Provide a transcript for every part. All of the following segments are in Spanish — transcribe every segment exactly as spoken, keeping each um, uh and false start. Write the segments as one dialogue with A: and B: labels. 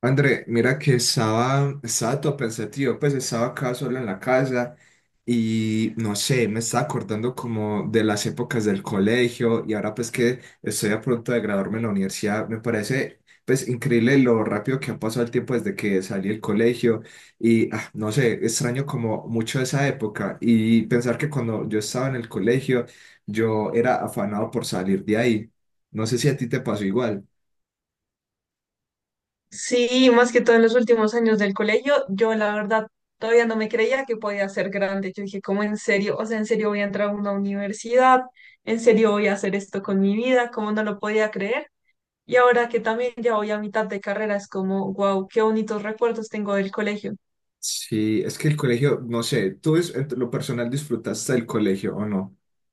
A: André, mira que estaba, estaba todo pensativo, pues estaba acá solo en la casa y no sé, me estaba acordando como de las épocas del colegio y ahora pues que estoy a punto de graduarme en la universidad, me parece pues increíble lo rápido que ha pasado el tiempo desde que salí del colegio y ah, no sé, extraño como mucho esa época y pensar que cuando yo estaba en el colegio yo era afanado por salir de ahí. No sé si a ti te pasó igual.
B: Sí, más que todo en los últimos años del colegio, yo la verdad todavía no me creía que podía ser grande. Yo dije, ¿cómo en serio? O sea, ¿en serio voy a entrar a una universidad? ¿En serio voy a hacer esto con mi vida? ¿Cómo no lo podía creer? Y ahora que también ya voy a mitad de carrera, es como, wow, qué bonitos recuerdos tengo del colegio.
A: Sí, es que el colegio, no sé, ¿tú es, en lo personal disfrutaste del colegio o no?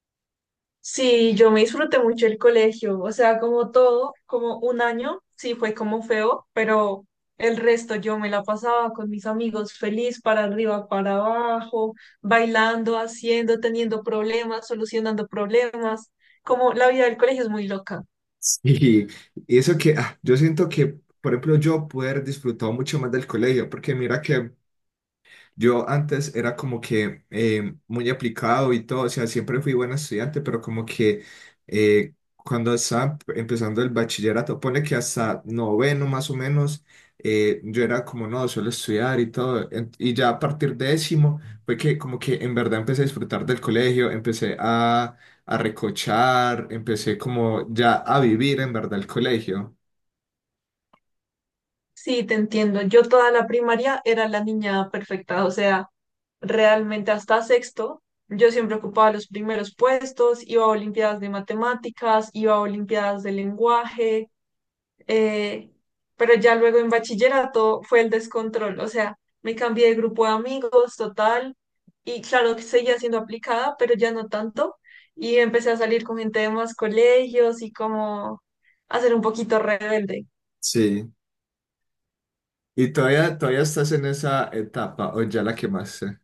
B: Sí, yo me disfruté mucho el colegio, o sea, como todo, como un año, sí fue como feo, pero el resto yo me la pasaba con mis amigos feliz para arriba, para abajo, bailando, haciendo, teniendo problemas, solucionando problemas, como la vida del colegio es muy loca.
A: Sí. Y eso que, ah, yo siento que, por ejemplo, yo pude haber disfrutado mucho más del colegio, porque mira que yo antes era como que eh, muy aplicado y todo, o sea, siempre fui buen estudiante, pero como que eh, cuando estaba empezando el bachillerato, pone que hasta noveno más o menos, eh, yo era como, no, suelo estudiar y todo, en- y ya a partir de décimo fue que como que en verdad empecé a disfrutar del colegio, empecé a, a recochar, empecé como ya a vivir en verdad el colegio.
B: Sí, te entiendo, yo toda la primaria era la niña perfecta, o sea, realmente hasta sexto. Yo siempre ocupaba los primeros puestos, iba a olimpiadas de matemáticas, iba a olimpiadas de lenguaje, eh, pero ya luego en bachillerato fue el descontrol, o sea, me cambié de grupo de amigos total y claro que seguía siendo aplicada, pero ya no tanto y empecé a salir con gente de más colegios y como a ser un poquito rebelde.
A: Sí. ¿Y todavía, todavía estás en esa etapa o ya la quemaste?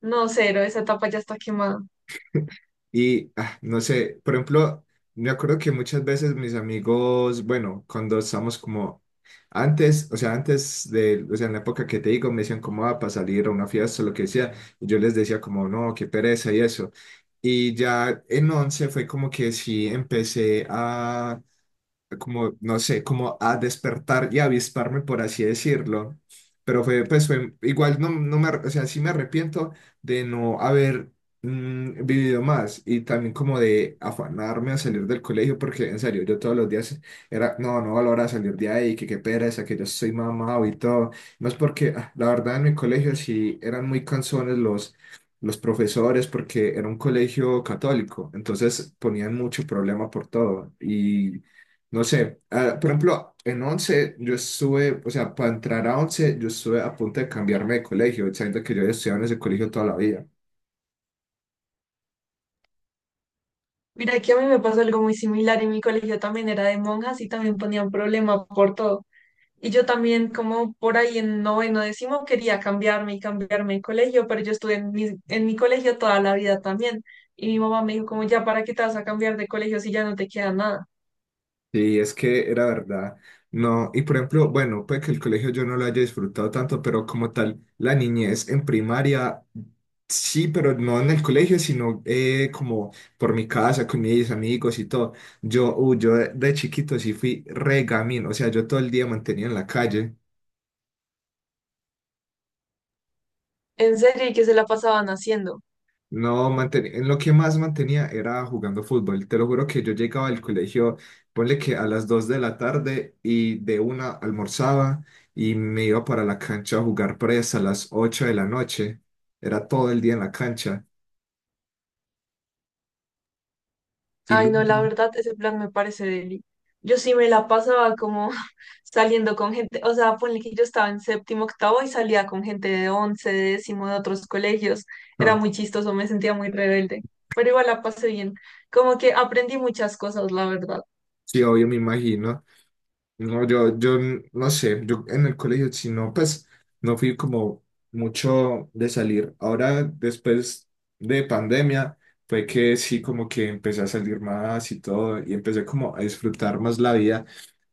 B: No, cero, esa etapa ya está quemada.
A: Y ah, no sé, por ejemplo, me acuerdo que muchas veces mis amigos, bueno, cuando estamos como antes, o sea, antes de, o sea, en la época que te digo, me decían como, ah, para salir a una fiesta, o lo que sea, y yo les decía como, no, qué pereza y eso. Y ya en once fue como que sí empecé a como, no sé, como a despertar y avisparme, por así decirlo. Pero fue, pues fue, igual no, no me, ar- o sea, sí me arrepiento de no haber mm, vivido más y también como de afanarme a salir del colegio, porque en serio, yo todos los días era, no, no valora salir de ahí, que qué pereza, que yo soy mamado y todo. No es porque, ah, la verdad, en mi colegio sí eran muy cansones los... los profesores, porque era un colegio católico, entonces ponían mucho problema por todo y no sé, ah, por ejemplo, en once yo estuve, o sea, para entrar a once yo estuve a punto de cambiarme de colegio, sabiendo que yo había estudiado en ese colegio toda la vida.
B: Mira, que a mí me pasó algo muy similar y mi colegio también era de monjas y también ponían problema por todo. Y yo también, como por ahí en noveno, décimo, quería cambiarme y cambiarme de colegio, pero yo estuve en mi, en mi colegio toda la vida también. Y mi mamá me dijo, como ya, ¿para qué te vas a cambiar de colegio si ya no te queda nada?
A: Y es que era verdad, no, y por ejemplo, bueno, puede que el colegio yo no lo haya disfrutado tanto, pero como tal, la niñez en primaria, sí, pero no en el colegio, sino eh, como por mi casa, con mis amigos y todo. Yo, uh, yo de de chiquito sí fui regamín, o sea, yo todo el día mantenía en la calle.
B: En serio, ¿y qué se la pasaban haciendo?
A: No, mantenía, en lo que más mantenía era jugando fútbol. Te lo juro que yo llegaba al colegio, ponle que a las dos de la tarde y de una almorzaba y me iba para la cancha a jugar presa a las ocho de la noche. Era todo el día en la cancha. Y
B: Ay, no, la
A: luego,
B: verdad, ese plan me parece deli. Yo sí me la pasaba como saliendo con gente, o sea, ponle que yo estaba en séptimo, octavo y salía con gente de once, de décimo, de otros colegios. Era
A: ah,
B: muy chistoso, me sentía muy rebelde, pero igual la pasé bien. Como que aprendí muchas cosas, la verdad.
A: sí, obvio, me imagino. No, yo, yo no sé, yo en el colegio, si no, pues no fui como mucho de salir. Ahora, después de pandemia, fue que sí, como que empecé a salir más y todo, y empecé como a disfrutar más la vida,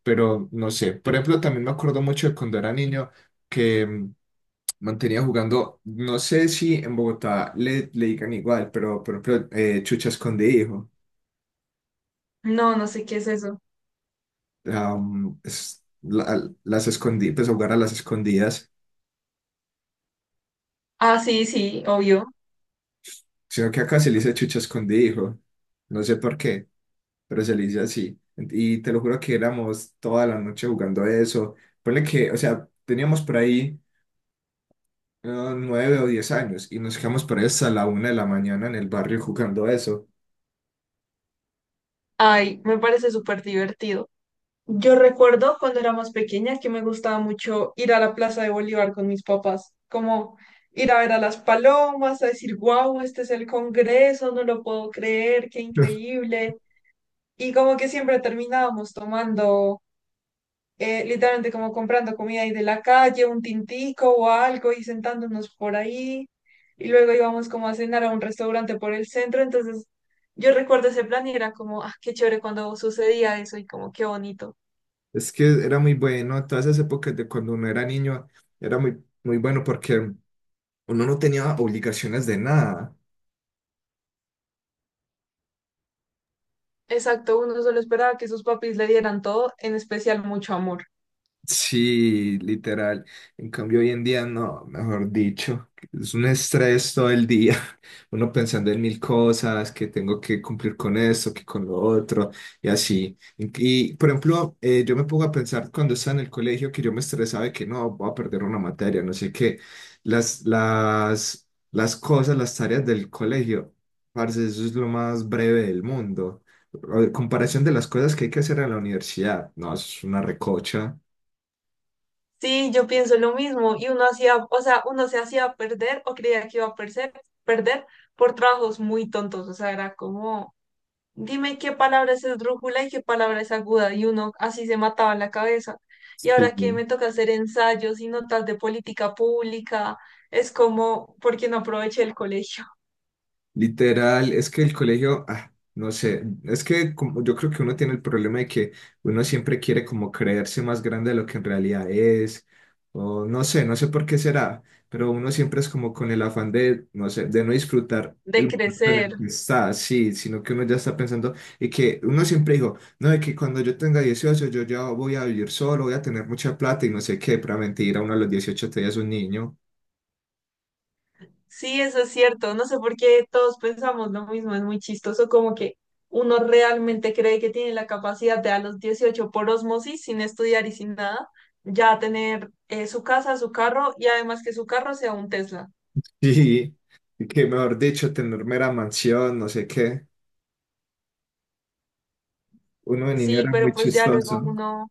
A: pero no sé. Por ejemplo, también me acuerdo mucho de cuando era niño que mm, mantenía jugando, no sé si en Bogotá le, le digan igual, pero por ejemplo, eh, chucha escondí, hijo.
B: No, no sé qué es eso.
A: Am, es- la- las escondí, pues jugar a las escondidas.
B: Ah, sí, sí, obvio.
A: Sino que acá se le dice chucho escondido. No sé por qué, pero se le dice así. Y te lo juro que éramos toda la noche jugando eso. Ponle que, o sea, teníamos por ahí eh, nueve o diez años y nos quedamos por ahí hasta la una de la mañana en el barrio jugando eso.
B: Ay, me parece súper divertido. Yo recuerdo cuando era más pequeña que me gustaba mucho ir a la Plaza de Bolívar con mis papás, como ir a ver a las palomas, a decir, wow, este es el Congreso, no lo puedo creer, qué increíble. Y como que siempre terminábamos tomando, eh, literalmente como comprando comida ahí de la calle, un tintico o algo y sentándonos por ahí. Y luego íbamos como a cenar a un restaurante por el centro. Entonces yo recuerdo ese plan y era como, ah, qué chévere cuando sucedía eso y como qué bonito.
A: Es que era muy bueno, todas esas épocas de cuando uno era niño, era muy, muy bueno porque uno no tenía obligaciones de nada.
B: Exacto, uno solo esperaba que sus papis le dieran todo, en especial mucho amor.
A: Sí, literal. En cambio, hoy en día no, mejor dicho, es un estrés todo el día. Uno pensando en mil cosas, que tengo que cumplir con esto, que con lo otro, y así. Y, y, por ejemplo, eh, yo me pongo a pensar cuando estaba en el colegio que yo me estresaba de que no, voy a perder una materia, no sé qué. Las, las, las cosas, las tareas del colegio, parce, eso es lo más breve del mundo. A ver, comparación de las cosas que hay que hacer en la universidad, no, eso es una recocha.
B: Sí, yo pienso lo mismo y uno hacía, o sea, uno se hacía perder o creía que iba a perder, perder por trabajos muy tontos, o sea, era como, dime qué palabra es esdrújula y qué palabra es aguda y uno así se mataba la cabeza. Y
A: Sí,
B: ahora que me toca hacer ensayos y notas de política pública, es como, ¿porque no aproveché el colegio
A: literal, es que el colegio, ah, no sé, es que como, yo creo que uno tiene el problema de que uno siempre quiere como creerse más grande de lo que en realidad es, o no sé, no sé por qué será, pero uno siempre es como con el afán de, no sé, de no disfrutar el
B: de
A: momento en
B: crecer?
A: el que está, sí, sino que uno ya está pensando y que uno siempre digo no, de que cuando yo tenga dieciocho yo ya voy a vivir solo, voy a tener mucha plata y no sé qué, para mentir a uno a los dieciocho te es un niño.
B: Sí, eso es cierto. No sé por qué todos pensamos lo mismo. Es muy chistoso como que uno realmente cree que tiene la capacidad de a los dieciocho por osmosis, sin estudiar y sin nada, ya tener eh, su casa, su carro y además que su carro sea un Tesla.
A: Sí, y que mejor dicho, tener mera mansión, no sé qué. Uno de niño
B: Sí,
A: era
B: pero
A: muy
B: pues ya luego
A: chistoso.
B: uno,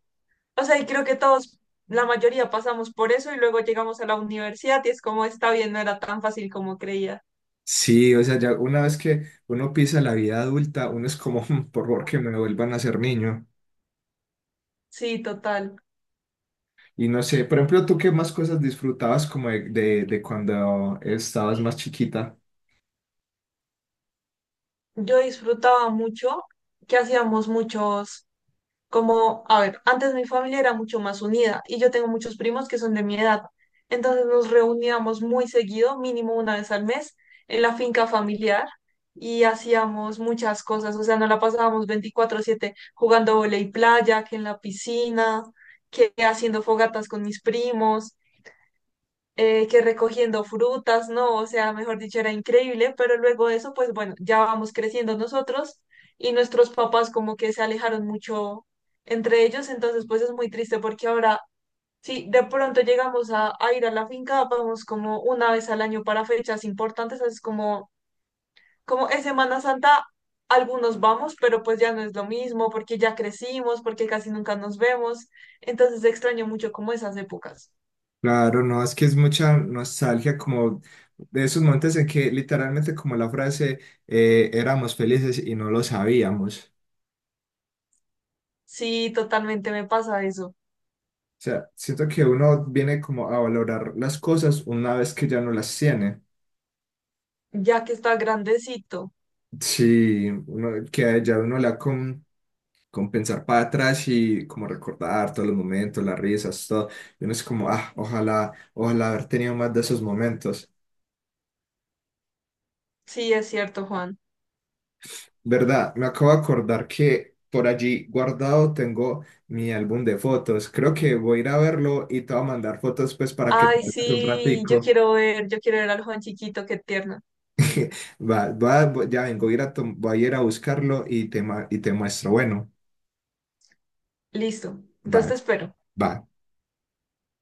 B: o sea, y creo que todos, la mayoría pasamos por eso y luego llegamos a la universidad y es como está bien, no era tan fácil como creía.
A: Sí, o sea, ya una vez que uno pisa la vida adulta, uno es como, "Mm, por favor, que me vuelvan a ser niño".
B: Sí, total.
A: Y no sé, por ejemplo, ¿tú qué más cosas disfrutabas como de, de, de cuando estabas más chiquita?
B: Yo disfrutaba mucho que hacíamos muchos. Como, a ver, antes mi familia era mucho más unida y yo tengo muchos primos que son de mi edad. Entonces nos reuníamos muy seguido, mínimo una vez al mes, en la finca familiar y hacíamos muchas cosas. O sea, nos la pasábamos veinticuatro siete jugando voley playa, que en la piscina, que haciendo fogatas con mis primos eh, que recogiendo frutas, ¿no? O sea, mejor dicho, era increíble, pero luego de eso, pues bueno, ya vamos creciendo nosotros y nuestros papás como que se alejaron mucho entre ellos, entonces pues es muy triste porque ahora, si de pronto llegamos a, a ir a la finca, vamos como una vez al año para fechas importantes, es como, como es Semana Santa. Algunos vamos, pero pues ya no es lo mismo porque ya crecimos, porque casi nunca nos vemos. Entonces extraño mucho como esas épocas.
A: Claro, no, es que es mucha nostalgia como de esos momentos en que literalmente como la frase, eh, éramos felices y no lo sabíamos.
B: Sí, totalmente me pasa eso.
A: O sea, siento que uno viene como a valorar las cosas una vez que ya no las tiene.
B: Ya que está grandecito.
A: Sí, uno, que ya uno la con, con pensar para atrás y como recordar todos los momentos, las risas, todo. Y uno es como, ah, ojalá, ojalá haber tenido más de esos momentos.
B: Sí, es cierto, Juan.
A: ¿Verdad? Me acabo de acordar que por allí guardado tengo mi álbum de fotos. Creo que voy a ir a verlo y te voy a mandar fotos pues para que te
B: Ay,
A: veas un
B: sí, yo
A: ratico.
B: quiero ver, yo quiero ver al Juan chiquito, qué tierno.
A: Va, va, ya vengo, voy a ir a, tom- voy a ir a buscarlo y te, ma- y te muestro. Bueno,
B: Listo.
A: va,
B: Entonces te espero.
A: va.